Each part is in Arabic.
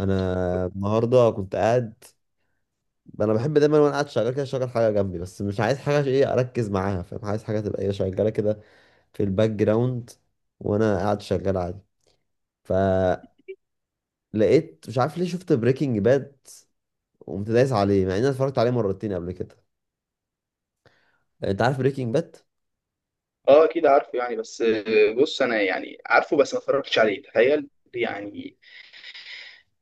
انا النهارده كنت قاعد. انا بحب دايما وانا قاعد شغال كده اشغل حاجه جنبي، بس مش عايز حاجه عشان ايه اركز معاها، فاهم؟ عايز حاجه تبقى ايه شغاله كده في الباك جراوند وانا قاعد شغال عادي. فلقيت مش عارف ليه شفت بريكنج باد وقمت دايس عليه مع اني اتفرجت عليه مرتين قبل كده. يعني انت عارف بريكنج باد. اه، اكيد عارفه، يعني بس بص انا يعني عارفه بس ما اتفرجتش عليه، تخيل. يعني،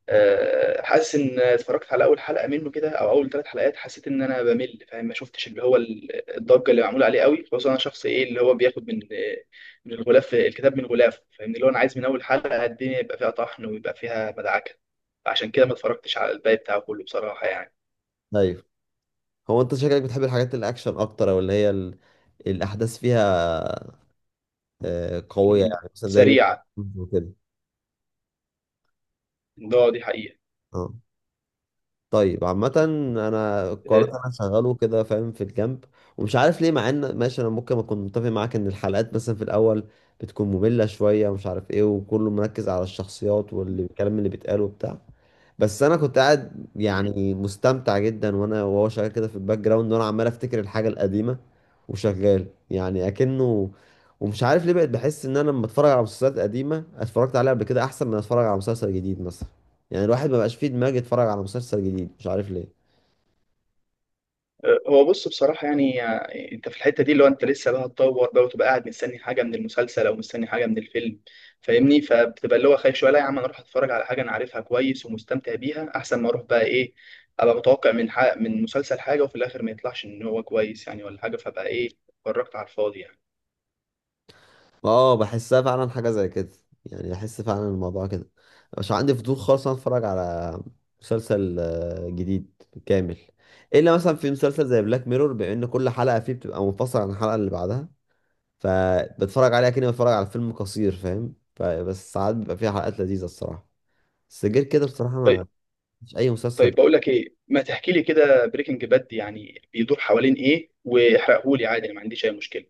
حاسس ان اتفرجت على اول حلقه منه كده او اول ثلاث حلقات، حسيت ان انا بمل فاهم. ما شفتش اللي هو الضجه اللي معموله عليه قوي، خصوصا انا شخص ايه اللي هو بياخد من الغلاف الكتاب من غلافه فاهمني، اللي هو انا عايز من اول حلقه الدنيا يبقى فيها طحن ويبقى فيها مدعكه. عشان كده ما اتفرجتش على الباقي بتاعه كله بصراحه يعني. ايوه. هو انت شكلك بتحب الحاجات الاكشن اكتر، او اللي هي الاحداث فيها قويه، مم. يعني مثلا زي جيم سريعه. اوف ثرونز وكده. دي حقيقه. اه. طيب عامة، انا قررت اشغله كده فاهم في الجنب. ومش عارف ليه، مع ان ماشي انا ممكن اكون متفق معاك ان الحلقات مثلا في الاول بتكون مملة شوية ومش عارف ايه، وكله مركز على الشخصيات والكلام اللي بيتقال وبتاع. بس انا كنت قاعد آه، يعني مستمتع جدا وانا وهو شغال كده في الباك جراوند، وانا عمال افتكر الحاجة القديمة وشغال يعني اكنه. ومش عارف ليه بقيت بحس ان انا لما اتفرج على مسلسلات قديمة اتفرجت عليها قبل كده احسن من اتفرج على مسلسل جديد مثلا. يعني الواحد ما بقاش فيه دماغ يتفرج على مسلسل جديد، مش عارف ليه. هو بص بصراحة يعني، انت في الحتة دي اللي هو انت لسه بقى هتطور بقى وتبقى قاعد مستني حاجة من المسلسل او مستني حاجة من الفيلم فاهمني، فبتبقى اللي هو خايف شوية. لا يا عم، انا اروح اتفرج على حاجة انا عارفها كويس ومستمتع بيها احسن ما اروح بقى ايه ابقى متوقع من من مسلسل حاجة وفي الاخر ما يطلعش ان هو كويس يعني ولا حاجة، فبقى ايه اتفرجت على الفاضي يعني. اه بحسها فعلا حاجة زي كده، يعني احس فعلا الموضوع كده. مش عندي فضول خالص إن أنا اتفرج على مسلسل جديد كامل، الا مثلا في مسلسل زي بلاك ميرور، بما ان كل حلقة فيه بتبقى منفصلة عن الحلقة اللي بعدها، فبتفرج عليها كأني بتفرج على فيلم قصير فاهم. فبس ساعات بيبقى فيها حلقات لذيذة الصراحة، بس غير كده بصراحة ما، طيب. مش اي مسلسل. طيب بقول لك ايه، ما تحكي لي كده بريكنج باد يعني بيدور حوالين ايه؟ واحرقهولي عادي، انا ما عنديش اي مشكلة.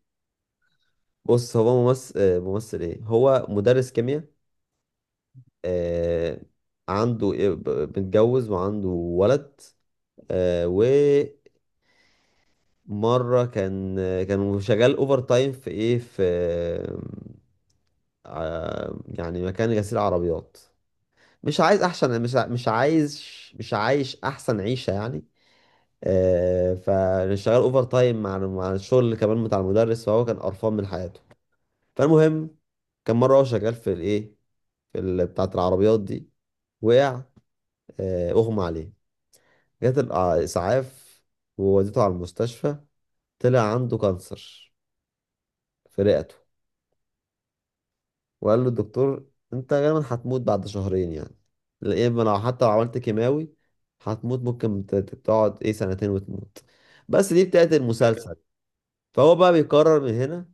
بص، هو ممثل ممثل ايه، هو مدرس كيمياء. آه، عنده إيه- ب- متجوز وعنده ولد. آه، ومرة كان، كان شغال اوفر تايم في ايه، في يعني مكان غسيل عربيات. مش عايز احسن، مش عايز، مش عايش احسن عيشة يعني. فشغال اوفر تايم مع الشغل كمان بتاع المدرس، فهو كان قرفان من حياته. فالمهم، كان مرة هو شغال في الايه، في بتاعة العربيات دي، وقع. اغمى عليه، جات الإسعاف ووديته على المستشفى، طلع عنده كانسر في رئته. وقال له الدكتور أنت غالبا هتموت بعد شهرين يعني، يا إما لو حتى لو عملت كيماوي هتموت، ممكن تقعد إيه سنتين وتموت. بس دي بتاعت تمام. المسلسل. فهو بقى بيقرر من هنا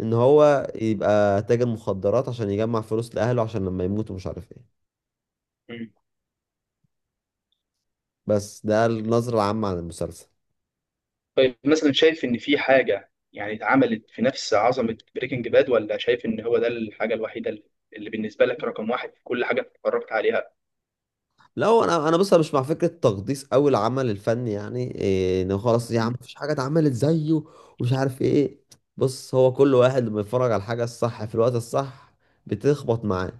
إن هو يبقى تاجر مخدرات عشان يجمع فلوس لأهله عشان لما يموتوا مش عارف إيه. بس ده النظرة العامة عن المسلسل. طيب مثلا شايف ان في حاجه يعني اتعملت في نفس عظمه بريكنج باد، ولا شايف ان هو ده الحاجه الوحيده اللي بالنسبه لك رقم واحد في كل حاجه اتفرجت عليها؟ لا، هو انا بص، أنا مش مع فكره تقديس قوي العمل الفني، يعني ان خلاص يا عم مفيش حاجه اتعملت زيه ومش عارف ايه. بص، هو كل واحد لما يتفرج على الحاجه الصح في الوقت الصح بتخبط معاه.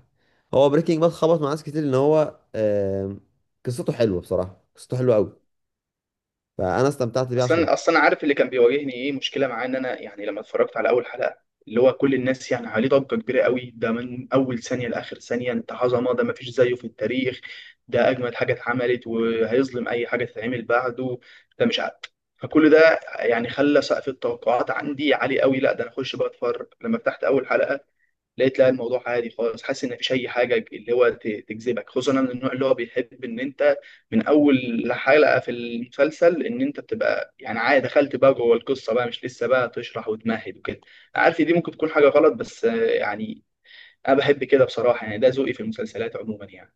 هو بريكنج باد خبط مع ناس كتير ان هو قصته حلوه بصراحه، قصته حلوه قوي، فانا استمتعت بيه عشان. اصلا عارف اللي كان بيواجهني ايه مشكله معاه؟ ان انا يعني لما اتفرجت على اول حلقه، اللي هو كل الناس يعني عليه ضجه كبيره قوي، ده من اول ثانيه لاخر ثانيه انت عظمه، ده مفيش زيه في التاريخ، ده اجمد حاجه اتعملت وهيظلم اي حاجه تتعمل بعده، ده مش عارف. فكل ده يعني خلى سقف التوقعات عندي عالي قوي. لا، ده انا اخش بقى اتفرج، لما فتحت اول حلقه لقيت لا الموضوع عادي خالص. حاسس ان مفيش اي حاجه اللي هو تجذبك، خصوصا انا من النوع اللي هو بيحب ان انت من اول حلقه في المسلسل ان انت بتبقى يعني عادي، دخلت بقى جوه القصه بقى، مش لسه بقى تشرح وتمهد وكده. عارف دي ممكن تكون حاجه غلط، بس يعني انا بحب كده بصراحه يعني، ده ذوقي في المسلسلات عموما يعني.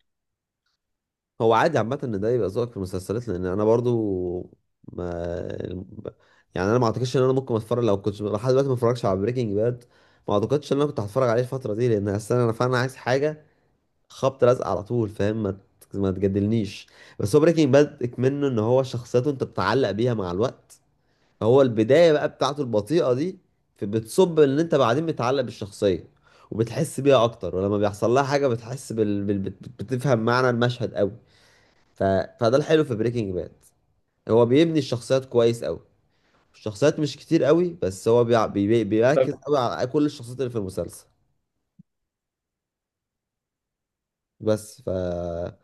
هو عادي عامة ان ده يبقى ذوقك في المسلسلات، لان انا برضو ما يعني انا ما اعتقدش ان انا ممكن اتفرج، لو كنت لحد دلوقتي ما اتفرجش على بريكنج باد ما اعتقدش ان انا كنت هتفرج عليه الفترة دي، لان اصلا انا فعلا عايز حاجة خبط لازق على طول فاهم، ما تجادلنيش. بس هو بريكنج باد اكمنه ان هو شخصيته انت بتتعلق بيها مع الوقت. هو البداية بقى بتاعته البطيئة دي بتصب ان انت بعدين بتتعلق بالشخصية وبتحس بيها اكتر، ولما بيحصل لها حاجة بتحس بتفهم معنى المشهد قوي. ف... فده الحلو في بريكنج باد، هو بيبني الشخصيات كويس قوي. الشخصيات مش كتير قوي، بس هو طب. بيركز قوي على كل الشخصيات اللي في المسلسل. بس ف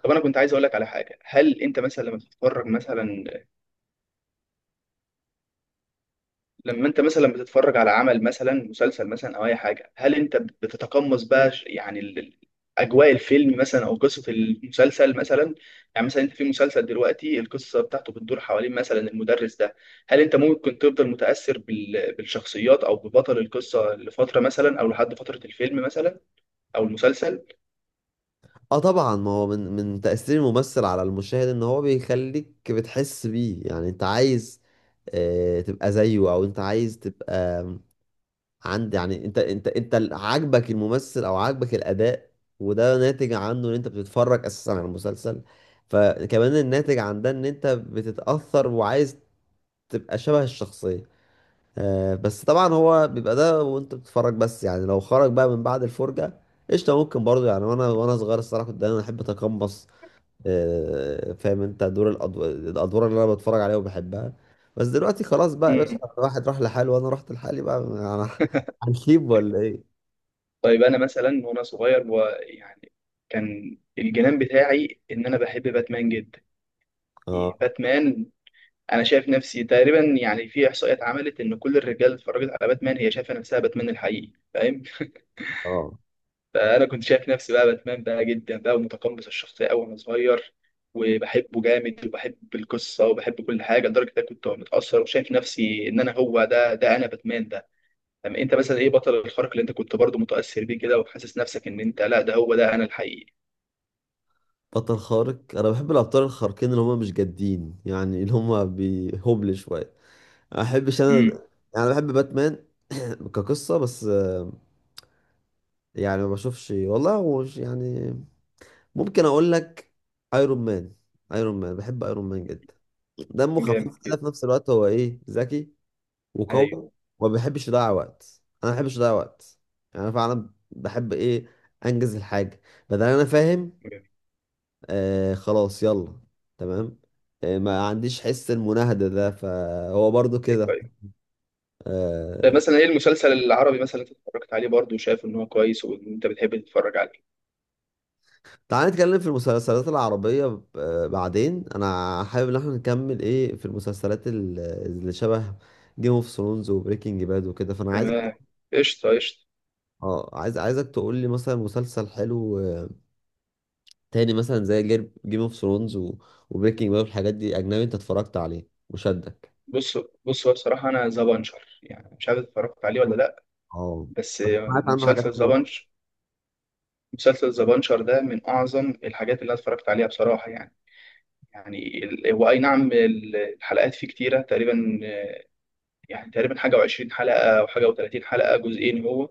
طب انا كنت عايز اقول لك على حاجه، هل انت مثلا لما بتتفرج مثلا، لما انت مثلا بتتفرج على عمل مثلا مسلسل مثلا او اي حاجه، هل انت بتتقمص بقى يعني اجواء الفيلم مثلا او قصه المسلسل مثلا؟ يعني مثلا انت في مسلسل دلوقتي القصه بتاعته بتدور حوالين مثلا المدرس ده، هل انت ممكن تفضل متاثر بالشخصيات او ببطل القصه لفتره مثلا، او لحد فتره الفيلم مثلا او المسلسل؟ اه طبعا، ما هو من تأثير الممثل على المشاهد ان هو بيخليك بتحس بيه، يعني انت عايز تبقى زيه، او انت عايز تبقى عند، يعني انت عاجبك الممثل او عاجبك الاداء، وده ناتج عنه ان انت بتتفرج اساسا على المسلسل. فكمان الناتج عن ده ان انت بتتاثر وعايز تبقى شبه الشخصيه. آه بس طبعا هو بيبقى ده وانت بتتفرج، بس يعني لو خرج بقى من بعد الفرجه قشطه ممكن برضه. يعني وانا صغير الصراحه كنت دايما احب اتقمص، آه فاهم انت، دور الادوار اللي انا بتفرج عليها وبحبها. بس دلوقتي خلاص بقى يا باشا، امم. الواحد راح لحاله وانا رحت لحالي بقى انا هنسيب ولا ايه؟ طيب انا مثلا وانا صغير ويعني كان الجنان بتاعي ان انا بحب باتمان جدا. اه. باتمان، انا شايف نفسي تقريبا يعني في احصائيات عملت ان كل الرجاله اللي اتفرجت على باتمان هي شايفه نفسها باتمان الحقيقي فاهم. اه. فانا كنت شايف نفسي بقى باتمان بقى جدا بقى، ومتقمص الشخصيه قوي وانا صغير، وبحبه جامد وبحب القصه وبحب كل حاجه لدرجه ان أنا كنت متاثر وشايف نفسي ان انا هو ده، ده انا باتمان ده. طب انت مثلا ايه بطل الخارق اللي انت كنت برضه متاثر بيه كده وحاسس نفسك ان انت لا ده هو ده انا الحقيقي؟ بطل خارق، انا بحب الابطال الخارقين اللي هم مش جادين، يعني اللي هم بيهبل شويه، ما بحبش انا. امم. يعني أنا بحب باتمان كقصه، بس يعني ما بشوفش والله، هو يعني ممكن اقول لك ايرون مان. ايرون مان بحب ايرون مان جدا، دمه جامد خفيف كده، كده. في نفس الوقت هو ايه، ذكي ايوه. وقوي، وما بيحبش يضيع وقت، انا ما بحبش اضيع وقت. يعني انا فعلا بحب ايه، انجز الحاجه بدل، انا فاهم. جامد. آه خلاص يلا. تمام. آه ما عنديش حس المناهدة ده، فهو برضو أيوة. كده. آه. مثلا ايه المسلسل العربي مثلا اللي اتفرجت عليه برضه وشايف ان هو كويس وانت بتحب تتفرج عليه؟ تعال نتكلم في المسلسلات العربية آه بعدين، انا حابب ان احنا نكمل ايه في المسلسلات اللي شبه جيم اوف ثرونز وبريكنج باد وكده، فانا عايز. تمام. قشطه، قشطه. اه، عايز عايزك تقول لي مثلا مسلسل حلو تاني، مثلا زي جيم اوف ثرونز وبريكنج باد والحاجات دي، اجنبي، انت اتفرجت عليه وشدك. بص، بص هو بصراحه انا ذا بانشر يعني، مش عارف اتفرجت عليه ولا لا اه. بس، بس سمعت عنه حاجات مسلسل ذا كتير. بانش مسلسل ذا بانشر ده من اعظم الحاجات اللي انا اتفرجت عليها بصراحه يعني. يعني هو اي نعم الحلقات فيه كتيره تقريبا، يعني تقريبا حاجه و20 حلقه او حاجه و30 حلقه، جزئين هو.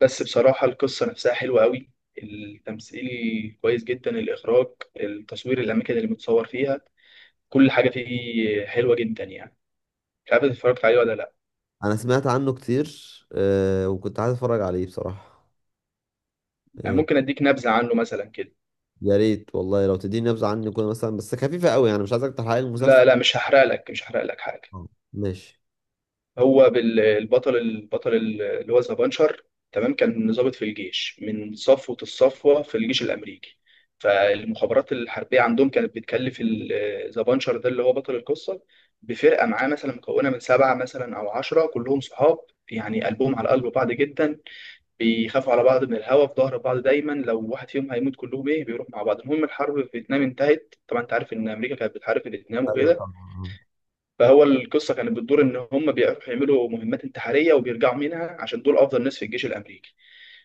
بس بصراحة القصة نفسها حلوة قوي، التمثيل كويس جدا، الإخراج، التصوير، الأماكن اللي متصور فيها، كل حاجة فيه حلوة جدا يعني. مش عارف إذا اتفرجت عليه ولا لأ. انا سمعت عنه كتير وكنت عايز اتفرج عليه بصراحه. أنا آه، ممكن أديك نبذة عنه مثلا كده. يا ريت والله لو تديني نبذه عنه كده مثلا، بس خفيفه قوي يعني، مش عايزك تحرق لي المسلسل. لا لا، مش هحرق لك، مش هحرق لك حاجة. آه، ماشي. هو البطل، البطل اللي هو ذا بانشر، تمام، كان ضابط في الجيش من صفوة الصفوة في الجيش الأمريكي. فالمخابرات الحربية عندهم كانت بتكلف ذا بانشر ده اللي هو بطل القصة بفرقة معاه مثلا مكونة من سبعة مثلا أو عشرة، كلهم صحاب. يعني قلبهم على قلب بعض جدا، بيخافوا على بعض، من الهوا في ظهر بعض دايما، لو واحد فيهم هيموت كلهم ايه بيروح مع بعض. المهم الحرب في فيتنام انتهت طبعا، انت عارف ان امريكا كانت بتحارب في فيتنام ايوه وكده. طبعا. فهو القصه كانت بتدور ان هم بيروحوا يعملوا مهمات انتحاريه وبيرجعوا منها، عشان دول افضل ناس في الجيش الامريكي.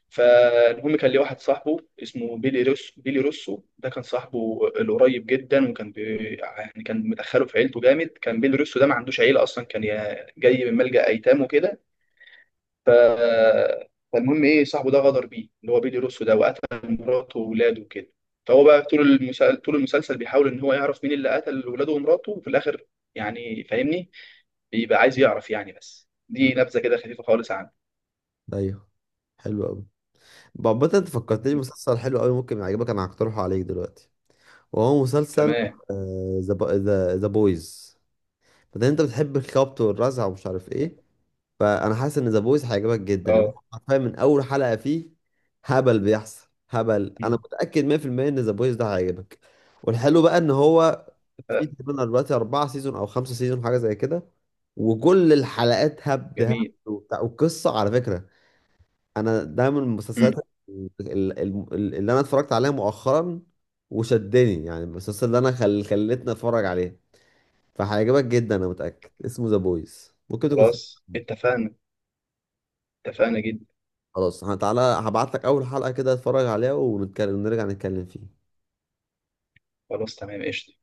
فالمهم كان ليه واحد صاحبه اسمه بيلي روسو. بيلي روسو ده كان صاحبه القريب جدا، وكان يعني كان مدخله في عيلته جامد. كان بيلي روسو ده ما عندوش عيله اصلا، كان جاي من ملجأ ايتام وكده. ف- فالمهم ايه، صاحبه ده غدر بيه اللي هو بيلي روسو ده، وقتل مراته وولاده وكده. فهو بقى طول المسلسل، طول المسلسل بيحاول ان هو يعرف مين اللي قتل ولاده ومراته، وفي الاخر يعني فاهمني بيبقى عايز يعرف يعني، بس آه. دي نبذه كده خفيفه خالص عنه. ايوه حلو قوي. بابا انت فكرتني مم. مسلسل حلو قوي ممكن يعجبك، انا هقترحه عليك دلوقتي، وهو مسلسل تمام. ذا بويز. فده انت بتحب الخبط والرزع ومش عارف ايه، تمام. فانا حاسس ان ذا بويز هيعجبك جدا، إن هو اه. حرفيا من اول حلقه فيه هبل بيحصل، هبل. انا مم. متاكد 100% ان ذا بويز ده هيعجبك. والحلو بقى ان هو اتفقنا. في تقريبا دلوقتي 4 سيزون او 5 سيزون حاجه زي كده، وكل الحلقات هبد هبد جميل. وبتاع. والقصه على فكره، انا ده من المسلسلات مم. ال- ال- اللي انا اتفرجت عليها مؤخرا وشدني، يعني المسلسل اللي انا خلتني اتفرج عليه. فهيعجبك جدا انا متاكد، اسمه ذا بويز، ممكن تكون. خلاص اتفقنا، اتفقنا جدا. خلاص تعالى هبعت لك اول حلقة كده اتفرج عليها، ونتكلم، نرجع نتكلم فيه. خلاص تمام، قشطه.